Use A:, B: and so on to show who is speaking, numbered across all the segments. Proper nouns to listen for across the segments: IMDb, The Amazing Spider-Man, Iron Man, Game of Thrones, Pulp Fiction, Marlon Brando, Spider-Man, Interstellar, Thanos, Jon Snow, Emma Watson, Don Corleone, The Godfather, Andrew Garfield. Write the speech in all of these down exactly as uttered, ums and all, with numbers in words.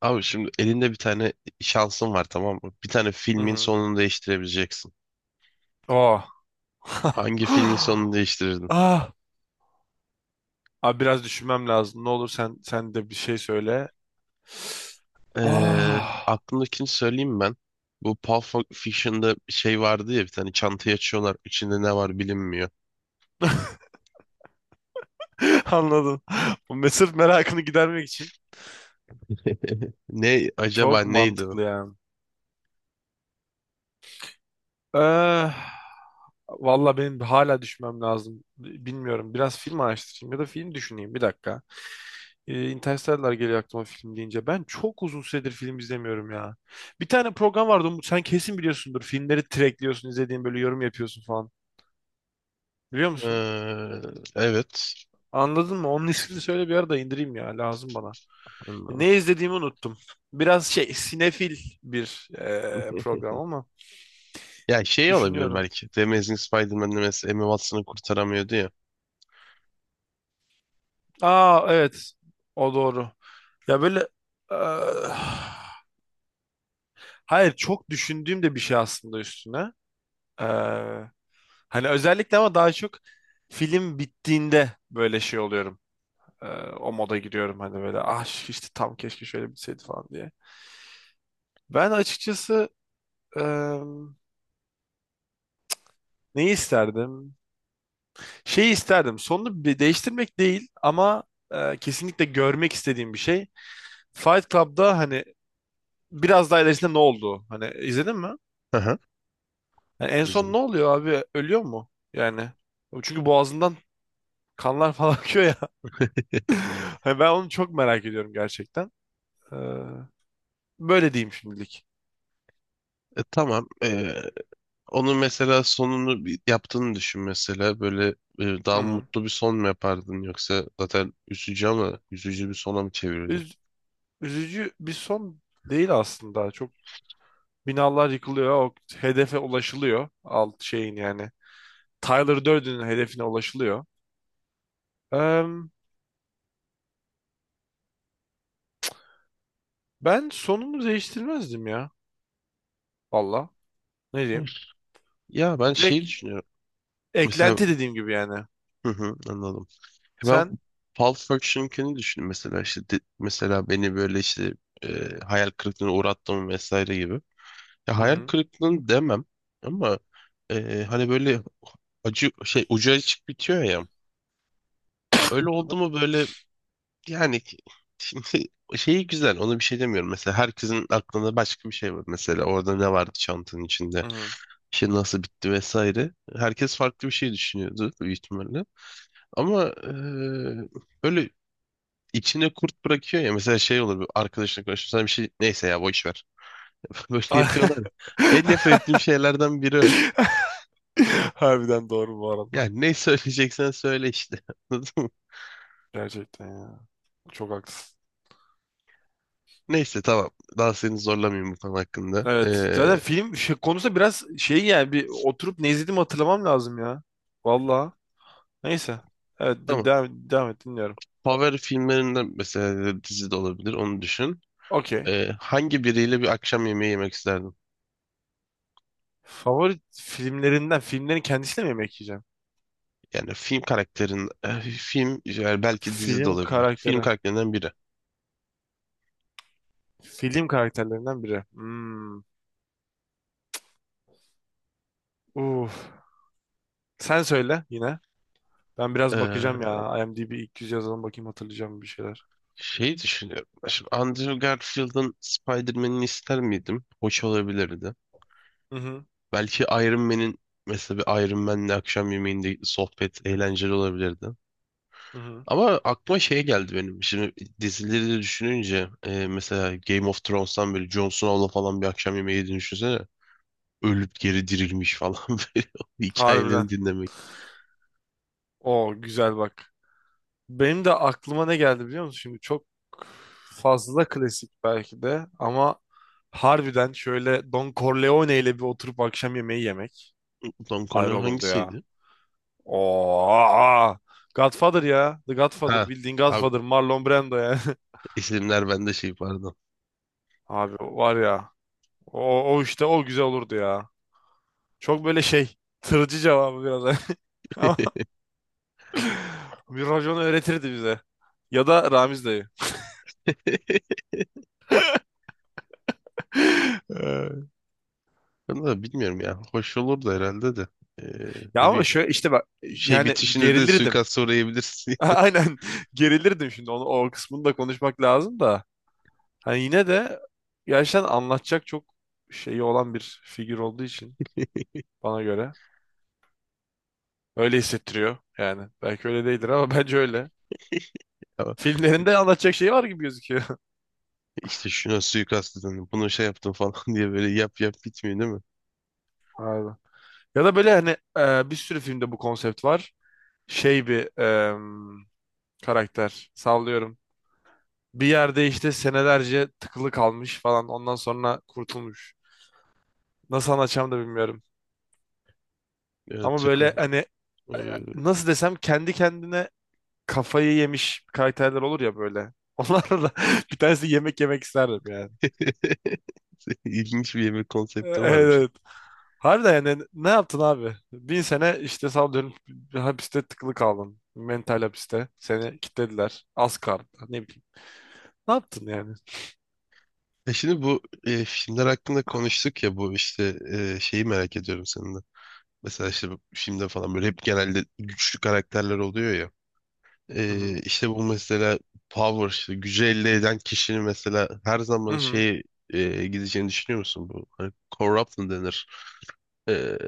A: Abi şimdi elinde bir tane şansın var, tamam mı? Bir tane
B: Hı
A: filmin
B: hı.
A: sonunu değiştirebileceksin.
B: Oh.
A: Hangi filmin sonunu değiştirirdin?
B: Ah. Abi biraz düşünmem lazım. Ne olur sen sen de bir şey söyle.
A: Ee,
B: Ah.
A: aklımdakini söyleyeyim ben. Bu Pulp Fiction'da bir şey vardı ya, bir tane çantayı açıyorlar. İçinde ne var bilinmiyor.
B: Anladım. Bu me- merakını gidermek için.
A: Ne acaba,
B: Çok
A: neydi o?
B: mantıklı yani. Eh, Valla benim hala düşünmem lazım. Bilmiyorum. Biraz film araştırayım ya da film düşüneyim. Bir dakika. Ee, Interstellar geliyor aklıma film deyince. Ben çok uzun süredir film izlemiyorum ya. Bir tane program vardı Umut. Sen kesin biliyorsundur. Filmleri trackliyorsun, izlediğin böyle yorum yapıyorsun falan. Biliyor musun?
A: Ee, evet.
B: Anladın mı? Onun ismini söyle bir ara da indireyim ya. Lazım bana.
A: Anladım.
B: Ne izlediğimi unuttum. Biraz şey sinefil bir eee, program ama
A: Ya şey olabilir
B: düşünüyorum.
A: belki. The Amazing Spider-Man'de mesela Emma Watson'ı kurtaramıyordu ya.
B: Aa evet. O doğru. Ya böyle eee, hayır çok düşündüğüm de bir şey aslında üstüne. Eee, Hani özellikle ama daha çok film bittiğinde böyle şey oluyorum. Eee, O moda giriyorum hani böyle ah işte tam keşke şöyle bitseydi falan diye. Ben açıkçası eee, neyi isterdim? Şeyi isterdim. Sonunu bir değiştirmek değil ama e, kesinlikle görmek istediğim bir şey. Fight Club'da hani biraz daha ilerisinde ne oldu? Hani izledin mi?
A: Hı hı.
B: Yani en son
A: Güzel.
B: ne oluyor abi? Ölüyor mu? Yani çünkü boğazından kanlar falan akıyor ya. Hani ben onu çok merak ediyorum gerçekten. Ee, Böyle diyeyim şimdilik.
A: E, tamam. Ee, Onun mesela sonunu bir- yaptığını düşün mesela, böyle e,
B: Hı
A: daha
B: hı.
A: mutlu bir son mu yapardın, yoksa zaten üzücü ama üzücü bir sona mı çevirirdin?
B: Üz- Üzücü bir son değil aslında. Çok binalar yıkılıyor. O hedefe ulaşılıyor. Alt şeyin yani. Tyler Durden'in hedefine ulaşılıyor. Em, Ben sonunu değiştirmezdim ya. Valla. Ne diyeyim?
A: Ya ben şey
B: Direkt
A: düşünüyorum. Mesela
B: eklenti dediğim gibi yani.
A: hı hı, anladım. Ben
B: Sen?
A: Pulp Fiction'ınkini düşündüm mesela, işte de- mesela beni böyle işte e, hayal kırıklığına uğrattım vesaire gibi. Ya
B: Hı
A: hayal
B: hı.
A: kırıklığını demem ama e, hani böyle acı şey, ucu açık bitiyor ya. Öyle oldu mu böyle. Yani şimdi şeyi güzel, ona bir şey demiyorum. Mesela herkesin aklında başka bir şey var. Mesela orada ne vardı çantanın içinde?
B: Hı hı.
A: Şey nasıl bitti vesaire. Herkes farklı bir şey düşünüyordu büyük ihtimalle. Ama eee, böyle içine kurt bırakıyor ya. Mesela şey olur, bir arkadaşına konuşuyor, sana bir şey, neyse ya, boş ver. Böyle yapıyorlar ya. En nefret ettiğim şeylerden biri o.
B: Harbiden doğru bu arada.
A: Yani ne söyleyeceksen söyle işte. Anladın mı?
B: Gerçekten ya. Çok haklısın.
A: Neyse tamam. Daha seni zorlamayayım bu konu hakkında.
B: Evet. Zaten
A: Eee,
B: film şey, konusu biraz şey yani bir oturup ne izlediğimi hatırlamam lazım ya. Valla. Neyse. Evet de-
A: tamam.
B: devam, devam et dinliyorum.
A: Favori filmlerinden, mesela dizi de olabilir, onu düşün.
B: Okey.
A: Ee, hangi biriyle bir akşam yemeği yemek isterdin?
B: Favori filmlerinden filmlerin kendisiyle mi yemek yiyeceğim?
A: Yani film karakterin, e, film, yani belki dizi de
B: Film
A: olabilir. Film
B: karakteri.
A: karakterinden biri.
B: Film karakterlerinden biri. Hmm. Uf. Sen söyle yine. Ben biraz bakacağım
A: Ee,
B: ya. IMDb ilk yüz yazalım bakayım hatırlayacağım bir şeyler.
A: Şey düşünüyorum. Şimdi Andrew Garfield'ın Spider-Man'ini ister miydim? Hoş olabilirdi.
B: Hı hı.
A: Belki Iron Man'in, mesela bir Iron Man'le akşam yemeğinde sohbet eğlenceli olabilirdi.
B: Hı hı.
A: Ama aklıma şey geldi benim. Şimdi dizileri de düşününce e, mesela Game of Thrones'tan böyle Jon Snow'la falan bir akşam yemeği yediğini düşünsene. Ölüp geri dirilmiş falan böyle, o
B: Harbiden.
A: hikayelerini dinlemek.
B: O güzel bak. Benim de aklıma ne geldi biliyor musun? Şimdi çok fazla klasik belki de ama harbiden şöyle Don Corleone ile bir oturup akşam yemeği yemek
A: Don
B: ayrı
A: Corleone
B: olurdu ya.
A: hangisiydi?
B: Oo. Godfather ya. The Godfather.
A: Ha.
B: Bildiğin
A: Abi
B: Godfather. Marlon Brando yani.
A: isimler bende şey, pardon.
B: Abi var ya. O, o işte o güzel olurdu ya. Çok böyle şey tırcı cevabı biraz. Ama bir racon öğretirdi bize. Ya da Ramiz dayı. Ee,
A: Ben de bilmiyorum ya. Hoş olur da herhalde de. E,
B: Ya
A: ne,
B: ama
A: bir
B: şöyle işte bak
A: şey
B: yani
A: bitişinde de
B: gerilirdim.
A: suikast uğrayabilirsin.
B: Aynen gerilirdim şimdi onu o kısmını da konuşmak lazım da. Hani yine de gerçekten anlatacak çok şeyi olan bir figür olduğu için bana göre öyle hissettiriyor yani. Belki öyle değildir ama bence öyle.
A: Ya
B: Filmlerinde anlatacak şey var gibi gözüküyor.
A: işte şuna suikast edin, bunu şey yaptım falan diye böyle yap yap bitmiyor değil mi?
B: Abi. Ya da böyle hani e, bir sürü filmde bu konsept var. Şey bir e, karakter sallıyorum. Bir yerde işte senelerce tıkılı kalmış falan ondan sonra kurtulmuş. Nasıl anlatacağımı da bilmiyorum.
A: Ya
B: Ama böyle
A: takıl.
B: hani e,
A: Ee,
B: nasıl desem kendi kendine kafayı yemiş karakterler olur ya böyle. Onlarla da bir tanesi yemek yemek isterdim yani.
A: İlginç bir yemek
B: Evet,
A: konsepti varmış.
B: evet. Harbiden yani ne yaptın abi? Bin sene işte sallıyorum bir hapiste tıkılı kaldın. Mental hapiste. Seni kilitlediler. Az kaldı. Ne bileyim. Ne yaptın yani?
A: Ya şimdi bu e, filmler hakkında konuştuk ya, bu işte e, şeyi merak ediyorum senin de. Mesela işte bu filmde falan böyle hep genelde güçlü karakterler oluyor ya.
B: Hı hı.
A: E, işte bu mesela power, işte gücü elde eden kişinin mesela her
B: Hı
A: zaman
B: hı.
A: şey gideceğini düşünüyor musun bu? Hani corruption denir. E,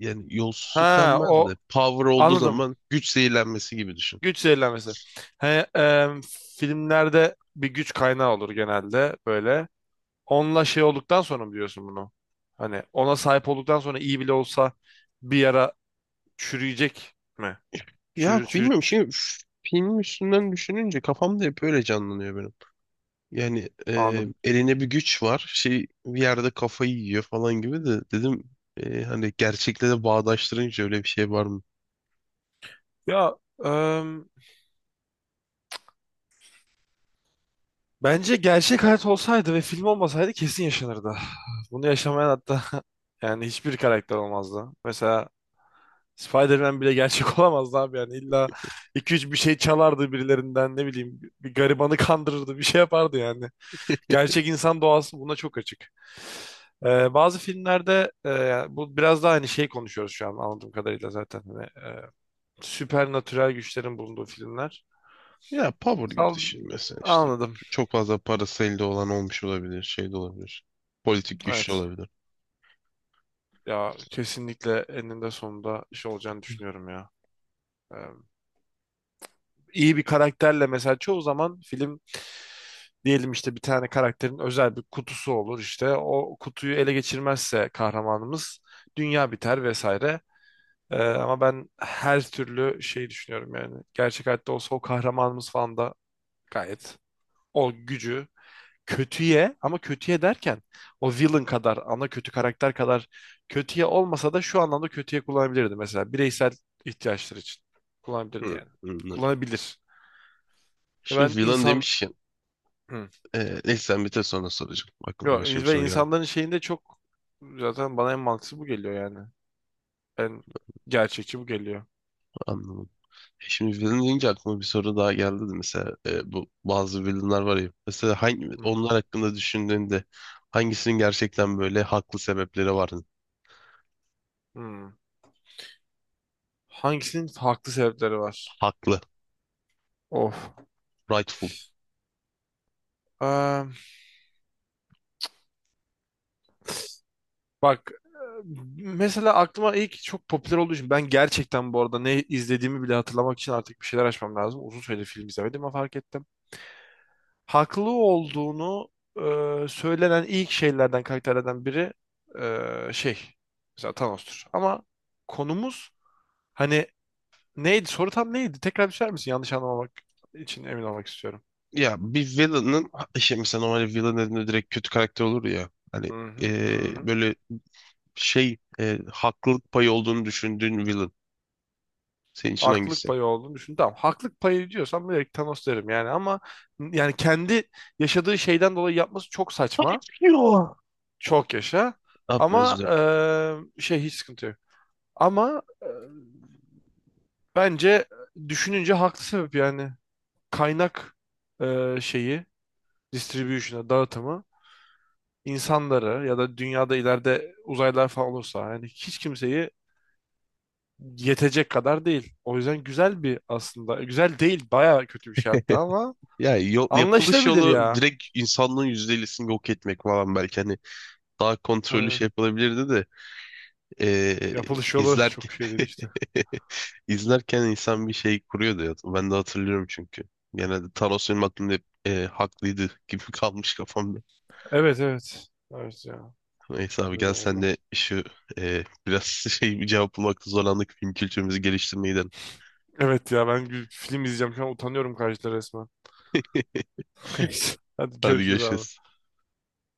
A: yani yolsuzluk
B: Ha
A: denmez de
B: o
A: power olduğu
B: anladım.
A: zaman, güç zehirlenmesi gibi düşün.
B: Güç zehirlenmesi. He, e, Filmlerde bir güç kaynağı olur genelde böyle. Onunla şey olduktan sonra mı diyorsun bunu? Hani ona sahip olduktan sonra iyi bile olsa bir yara çürüyecek mi?
A: Ya
B: Çürü, çürü,
A: bilmiyorum,
B: çü-
A: şimdi f- film üstünden düşününce kafamda hep öyle canlanıyor benim. Yani e,
B: Anladım.
A: eline bir güç var. Şey, bir yerde kafayı yiyor falan gibi de dedim e, hani gerçekle de bağdaştırınca öyle bir şey var mı?
B: Ya e, bence gerçek hayat olsaydı ve film olmasaydı kesin yaşanırdı. Bunu yaşamayan hatta yani hiçbir karakter olmazdı. Mesela Spider-Man bile gerçek olamazdı abi yani illa iki üç bir şey çalardı birilerinden ne bileyim bir garibanı kandırırdı bir şey yapardı yani. Gerçek insan doğası buna çok açık. Ee, bazı filmlerde e, yani bu biraz daha hani şey konuşuyoruz şu an anladığım kadarıyla zaten hani, e, süpernatürel güçlerin bulunduğu filmler.
A: Ya power gibi
B: Sal-
A: düşün mesela, işte
B: Anladım.
A: çok fazla parası elde olan olmuş olabilir, şey de olabilir. Politik güçlü
B: Evet.
A: olabilir.
B: Ya kesinlikle eninde sonunda şey olacağını düşünüyorum ya. Ee, iyi bir karakterle mesela çoğu zaman film diyelim işte bir tane karakterin özel bir kutusu olur işte o kutuyu ele geçirmezse kahramanımız dünya biter vesaire. Ee, ama ben her türlü şeyi düşünüyorum yani. Gerçek hayatta olsa o kahramanımız falan da gayet o gücü kötüye ama kötüye derken o villain kadar ana kötü karakter kadar kötüye olmasa da şu anlamda kötüye kullanabilirdi mesela bireysel ihtiyaçları için kullanabilirdi
A: Hı,
B: yani.
A: anladım.
B: Kullanabilir. Ben
A: Şimdi villain
B: insan.
A: demişken
B: Hı.
A: e, neyse, sen bitir sonra soracağım. Aklıma
B: Yo,
A: başka bir
B: ve
A: soru geldi.
B: insanların şeyinde çok zaten bana en mantıklı bu geliyor yani. En gerçekçi bu geliyor.
A: Anlamadım. Şimdi villain deyince aklıma bir soru daha geldi de, mesela e, bu bazı villainlar var ya, mesela hangi,
B: Hı.
A: onlar hakkında düşündüğünde hangisinin gerçekten böyle haklı sebepleri var?
B: Hı. Hangisinin farklı sebepleri var?
A: Haklı,
B: Of.
A: rightful.
B: Eee, Bak e, mesela aklıma ilk çok popüler olduğu için ben gerçekten bu arada ne izlediğimi bile hatırlamak için artık bir şeyler açmam lazım. Uzun süredir film izlemedim ama fark ettim. Haklı olduğunu e, söylenen ilk şeylerden karakterlerden biri e, şey mesela Thanos'tur. Ama konumuz hani neydi, soru tam neydi? Tekrar düşer misin? Yanlış anlamamak için emin olmak istiyorum.
A: Ya bir villain'ın, işte mesela normal villain dediğinde direkt kötü karakter olur ya hani,
B: Hı hı, hı
A: e,
B: hı.
A: böyle şey e, haklılık payı olduğunu düşündüğün villain senin için
B: Haklılık
A: hangisi?
B: payı olduğunu düşün. Tamam haklılık payı diyorsam direkt Thanos derim yani ama yani kendi yaşadığı şeyden dolayı yapması çok saçma.
A: Yo.
B: Çok yaşa.
A: Yapma, özür
B: Ama
A: dilerim.
B: eee, şey hiç sıkıntı yok. Ama eee, bence düşününce haklı sebep yani. Kaynak eee, şeyi, distribution'a, dağıtımı insanları ya da dünyada ileride uzaylılar falan olursa yani hiç kimseyi yetecek kadar değil. O yüzden güzel bir aslında. Güzel değil, bayağı kötü bir şey hatta ama
A: Ya yol, yapılış
B: anlaşılabilir
A: yolu
B: ya.
A: direkt insanlığın yüzde ellisini yok etmek falan, belki hani daha kontrollü
B: Aynen.
A: şey yapılabilirdi de. Ee,
B: Yapılış yolu
A: izlerken
B: çok şey dedi işte.
A: izlerken insan bir şey kuruyordu ya. Ben de hatırlıyorum çünkü. Genelde Thanos benim aklımda hep, e, haklıydı gibi kalmış kafamda.
B: Evet, evet. Evet ya.
A: Neyse abi,
B: Öyle de
A: gel sen
B: valla.
A: de şu e, biraz şey, bir cevap bulmakta zorlandık, film kültürümüzü geliştirmeye gidelim.
B: Evet ya ben gü- film izleyeceğim. Şu an utanıyorum karşıda resmen. Hadi
A: Hadi
B: görüşürüz
A: görüşürüz.
B: abi.